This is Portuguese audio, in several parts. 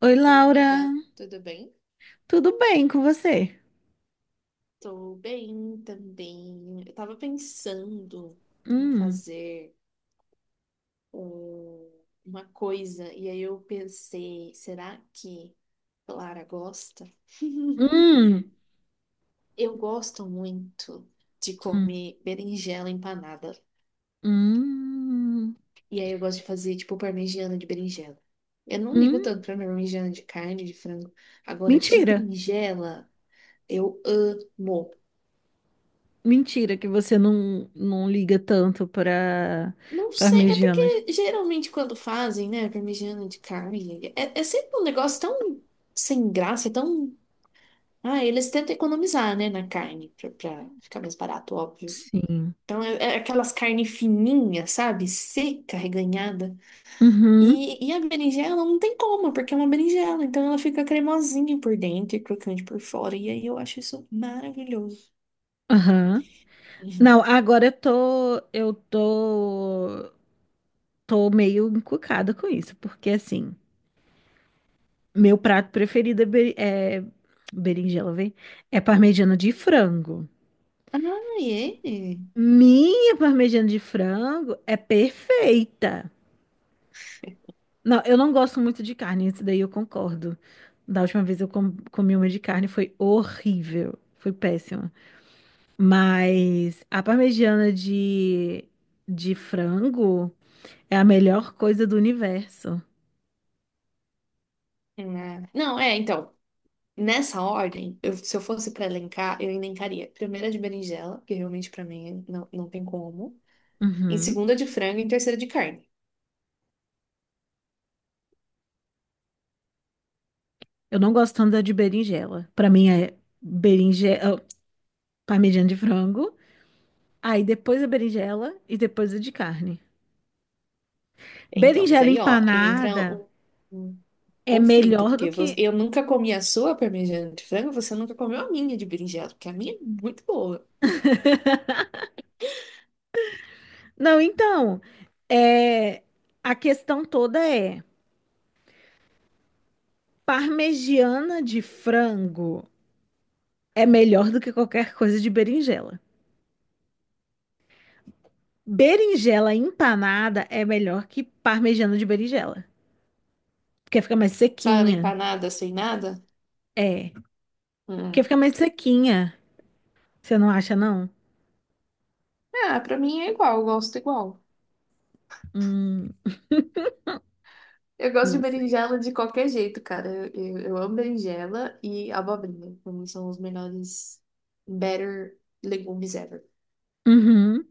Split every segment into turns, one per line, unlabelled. Oi,
Oi,
Laura.
amiga, tudo bem?
Tudo bem com você?
Tô bem também. Eu tava pensando em
Hum,
fazer um- uma coisa e aí eu pensei, será que Clara gosta?
hum,
Eu gosto muito de
hum,
comer berinjela empanada.
hum,
E aí eu gosto de fazer tipo parmegiana de berinjela. Eu não
hum.
ligo tanto pra parmegiana de carne, de frango. Agora, de
Mentira.
berinjela, eu amo.
Mentira que você não liga tanto para
Não sei, é
parmegianas.
porque geralmente quando fazem, né, parmegiana de carne, é sempre um negócio tão sem graça, tão. Ah, eles tentam economizar, né, na carne, pra ficar mais barato, óbvio.
Sim.
Então é aquelas carnes fininhas, sabe? Seca, reganhada.
Uhum,
E a berinjela não tem como, porque é uma berinjela, então ela fica cremosinha por dentro e crocante por fora. E aí eu acho isso maravilhoso.
aham. Não, agora tô meio encucada com isso, porque assim, meu prato preferido é berinjela, vem? É parmegiana de frango.
Ah, é?
Minha parmegiana de frango é perfeita. Não, eu não gosto muito de carne, isso daí eu concordo. Da última vez eu comi uma de carne, foi horrível, foi péssima. Mas a parmegiana de frango é a melhor coisa do universo.
Ah, não, é, então. Nessa ordem, se eu fosse para elencar, eu elencaria primeira de berinjela, que realmente para mim não tem como. Em
Uhum.
segunda de frango e em terceira de carne.
Eu não gosto tanto da de berinjela. Pra mim é berinjela, oh, parmegiana de frango, aí depois a berinjela e depois a de carne.
Então, mas
Berinjela
aí, ó, entra
empanada.
um, um
É
conflito,
melhor do
porque
que.
eu nunca comi a sua parmegiana de frango, você nunca comeu a minha de berinjela, porque a minha é muito boa.
Não, então, é... a questão toda é: parmegiana de frango é melhor do que qualquer coisa de berinjela. Berinjela empanada é melhor que parmegiana de berinjela. Porque fica mais
Só ela
sequinha.
empanada, sem nada.
É.
Hum.
Porque fica mais sequinha. Você não acha, não?
Ah, pra mim é igual.
Hum,
Eu gosto de
não sei.
berinjela de qualquer jeito, cara. Eu amo berinjela e abobrinha. Pra mim são os melhores, better legumes ever.
Uhum.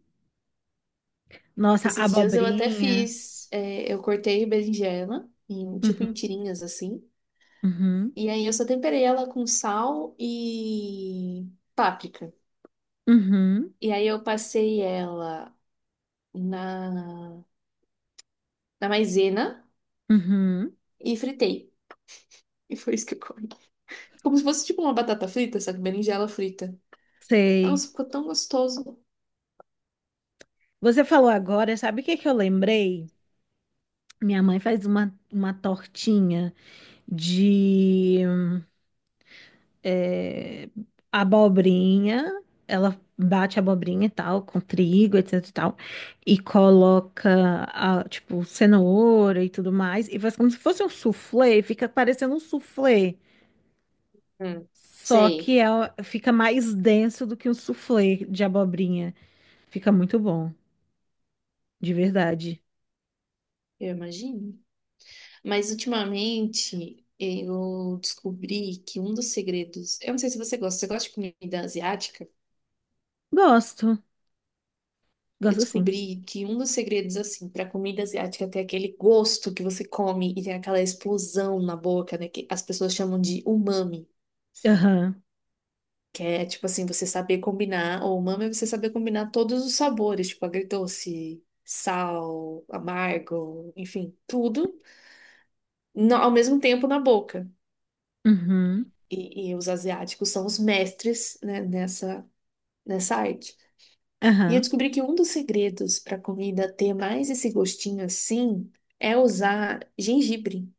Nossa,
Esses dias eu até
abobrinha.
fiz, é, eu cortei berinjela, em, tipo em
Uhum.
tirinhas assim.
Uhum.
E aí eu só temperei ela com sal e páprica.
Uhum.
E aí eu passei ela na, na maisena
Uhum.
e fritei. E foi isso que eu comi. Como se fosse tipo uma batata frita, só que berinjela frita.
Sei.
Nossa, ficou tão gostoso.
Você falou agora, sabe o que que eu lembrei? Minha mãe faz uma tortinha de eh, abobrinha. Ela bate a abobrinha e tal, com trigo, etc e tal. E coloca, tipo, cenoura e tudo mais. E faz como se fosse um soufflé. Fica parecendo um soufflé.
Hum,
Só
sei,
que fica mais denso do que um soufflé de abobrinha. Fica muito bom, de verdade.
eu imagino. Mas ultimamente eu descobri que um dos segredos, eu não sei se você gosta, você gosta de comida asiática?
Gosto,
Eu
gosto sim.
descobri que um dos segredos assim para comida asiática é ter aquele gosto que você come e tem aquela explosão na boca, né, que as pessoas chamam de umami,
Aham.
que é tipo assim, você saber combinar, ou umami é você saber combinar todos os sabores, tipo agridoce, sal, amargo, enfim, tudo ao mesmo tempo na boca.
Uhum.
E os asiáticos são os mestres, né, nessa arte. E eu
Aham.
descobri que um dos segredos para a comida ter mais esse gostinho assim é usar gengibre.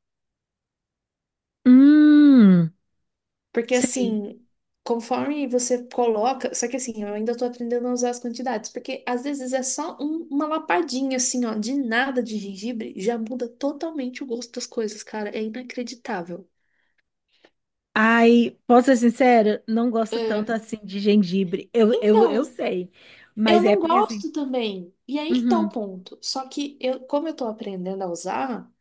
Hum,
Porque
sei.
assim, conforme você coloca. Só que assim, eu ainda tô aprendendo a usar as quantidades. Porque às vezes é só uma lapadinha assim, ó, de nada de gengibre, já muda totalmente o gosto das coisas, cara. É inacreditável.
Ai, posso ser sincera? Não gosto tanto
É.
assim de gengibre. Eu
Então.
sei.
Eu
Mas é
não
porque assim.
gosto também. E aí que tá o
Uhum.
ponto. Só que eu, como eu tô aprendendo a usar,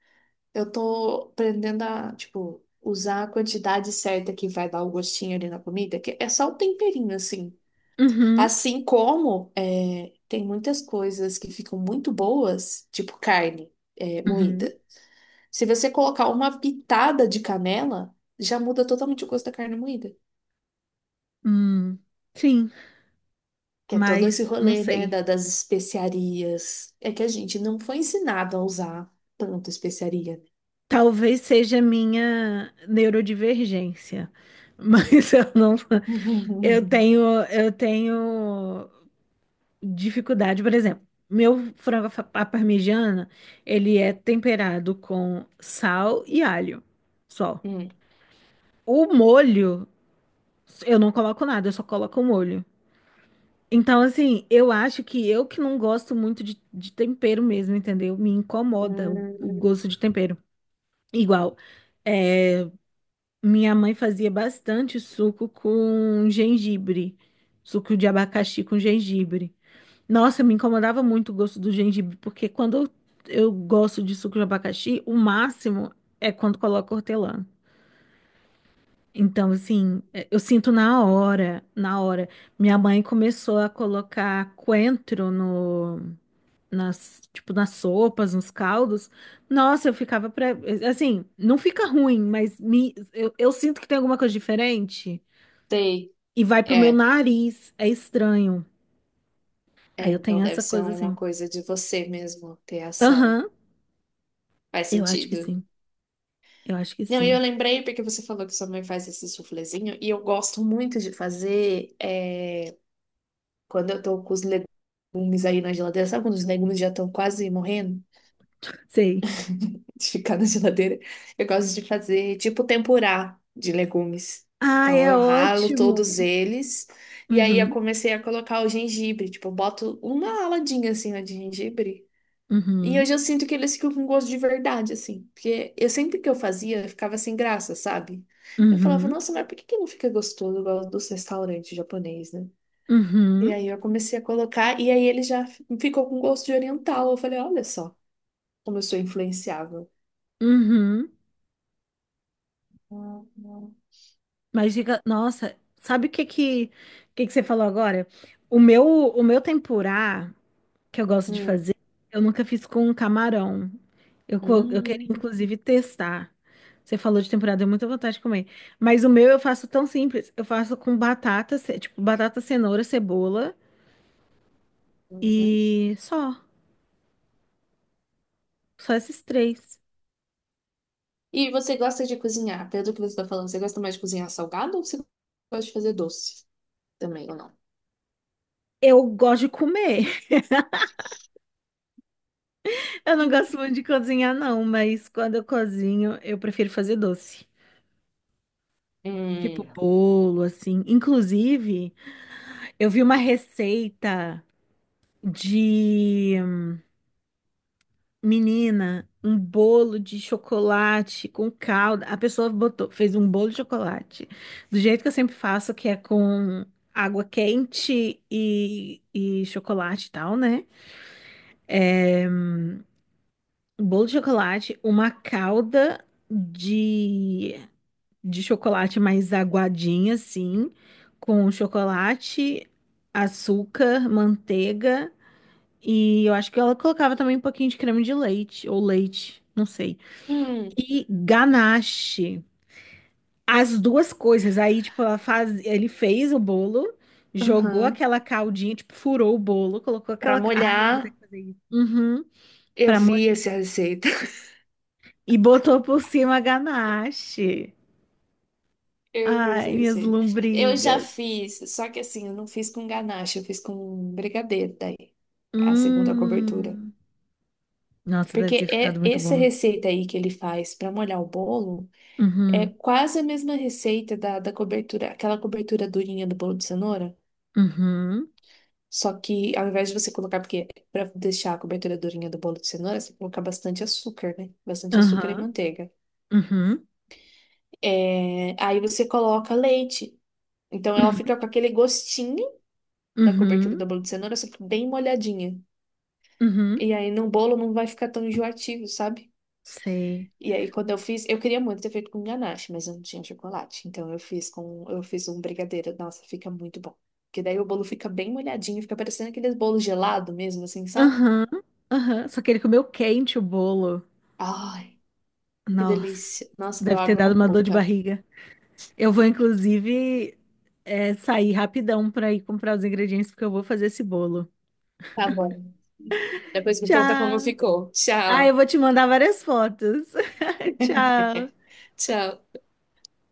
eu tô aprendendo a, tipo, usar a quantidade certa que vai dar o gostinho ali na comida, que é só o temperinho, assim.
Uhum.
Assim como é, tem muitas coisas que ficam muito boas, tipo carne é,
Uhum.
moída. Se você colocar uma pitada de canela, já muda totalmente o gosto da carne moída.
Hum. Sim,
Que é todo esse
mas não
rolê, né,
sei.
das especiarias. É que a gente não foi ensinado a usar tanto especiaria.
Talvez seja minha neurodivergência. Mas eu não. Eu tenho. Eu tenho dificuldade, por exemplo, meu frango à parmegiana, ele é temperado com sal e alho, só.
Hum,
O molho, eu não coloco nada, eu só coloco o molho. Então, assim, eu acho que eu que não gosto muito de tempero mesmo, entendeu? Me incomoda o
hum,
gosto de tempero. Igual, é, minha mãe fazia bastante suco com gengibre, suco de abacaxi com gengibre. Nossa, me incomodava muito o gosto do gengibre, porque quando eu gosto de suco de abacaxi, o máximo é quando coloca hortelã. Então, assim, eu sinto na hora, na hora. Minha mãe começou a colocar coentro no, nas, tipo, nas sopas, nos caldos. Nossa, eu ficava assim, não fica ruim, mas eu sinto que tem alguma coisa diferente
sei.
e vai pro meu
É,
nariz. É estranho.
é,
Aí eu
então
tenho
deve
essa
ser
coisa
uma
assim.
coisa de você mesmo ter essa.
Aham,
Faz
eu acho que
sentido.
sim. Eu acho que
Não, e
sim.
eu lembrei porque você falou que sua mãe faz esse suflezinho, e eu gosto muito de fazer é, quando eu tô com os legumes aí na geladeira, sabe quando os legumes já estão quase morrendo?
Sei.
de ficar na geladeira. Eu gosto de fazer tipo tempurá de legumes.
Ai,
Então
é
eu ralo todos
ótimo.
eles e aí eu
Uhum,
comecei a colocar o gengibre, tipo, eu boto uma aladinha assim ó, de gengibre. E hoje
uhum,
eu sinto que eles ficam com gosto de verdade, assim. Porque eu sempre que eu fazia, eu ficava sem graça, sabe? Eu falava,
uhum,
nossa, mas por que que não fica gostoso igual dos restaurantes japonês, né? E
uhum,
aí eu comecei a colocar, e aí ele já ficou com gosto de oriental. Eu falei, olha só como eu sou influenciável.
uhum. Mas diga, nossa, sabe o que que, você falou agora? O meu tempurá que eu gosto de
Hum.
fazer, eu nunca fiz com camarão. Eu queria,
Hum.
inclusive, testar. Você falou de tempurá, deu muita vontade de comer. Mas o meu eu faço tão simples. Eu faço com batata, tipo, batata, cenoura, cebola
Uhum.
e só. Só esses três.
E você gosta de cozinhar? Pelo que você está falando, você gosta mais de cozinhar salgado ou você gosta de fazer doce também ou não?
Eu gosto de comer. Eu não
Hum.
gosto muito de cozinhar, não, mas quando eu cozinho, eu prefiro fazer doce. Tipo bolo, assim. Inclusive, eu vi uma receita de menina, um bolo de chocolate com calda. A pessoa botou, fez um bolo de chocolate, do jeito que eu sempre faço, que é com água quente e chocolate e tal, né? Um bolo de chocolate, uma calda de de chocolate mais aguadinha, assim, com chocolate, açúcar, manteiga e eu acho que ela colocava também um pouquinho de creme de leite ou leite, não sei.
Hum.
E ganache. As duas coisas. Aí, tipo, ela faz, ele fez o bolo, jogou
Uhum.
aquela caldinha, tipo, furou o bolo, colocou
Para
aquela, ai, eu vou ter
molhar,
que fazer isso. Uhum.
eu
Pra mo-
vi essa receita.
e botou por cima a ganache.
Eu vi essa
Ai, minhas
receita. Eu já
lombrigas.
fiz, só que assim, eu não fiz com ganache, eu fiz com brigadeiro daí, a segunda cobertura.
Hum. Nossa, deve ter
Porque
ficado
é
muito
essa
bom.
receita aí que ele faz para molhar o bolo. É
Uhum,
quase a mesma receita da cobertura, aquela cobertura durinha do bolo de cenoura,
uhum,
só que ao invés de você colocar, porque para deixar a cobertura durinha do bolo de cenoura, você coloca bastante açúcar, né? Bastante açúcar e
aham,
manteiga.
uhum,
É, aí você coloca leite. Então ela
uhum,
fica com aquele gostinho da cobertura
uhum,
do bolo de cenoura, só que bem molhadinha.
uhum,
E aí no bolo não vai ficar tão enjoativo, sabe?
sei.
E aí, quando eu fiz, eu queria muito ter feito com ganache, mas eu não tinha chocolate. Então eu fiz com, eu fiz um brigadeiro. Nossa, fica muito bom. Porque daí o bolo fica bem molhadinho, fica parecendo aqueles bolos gelado mesmo, assim, sabe?
Aham, aham. Só que ele comeu quente o bolo.
Ai, que
Nossa,
delícia. Nossa, deu
deve ter
água na
dado uma dor de
boca.
barriga. Eu vou, inclusive, sair rapidão pra ir comprar os ingredientes, porque eu vou fazer esse bolo.
Tá bom. Depois me conta como
Tchau!
ficou.
Ah, eu
Tchau.
vou te mandar várias fotos. Tchau!
Tchau.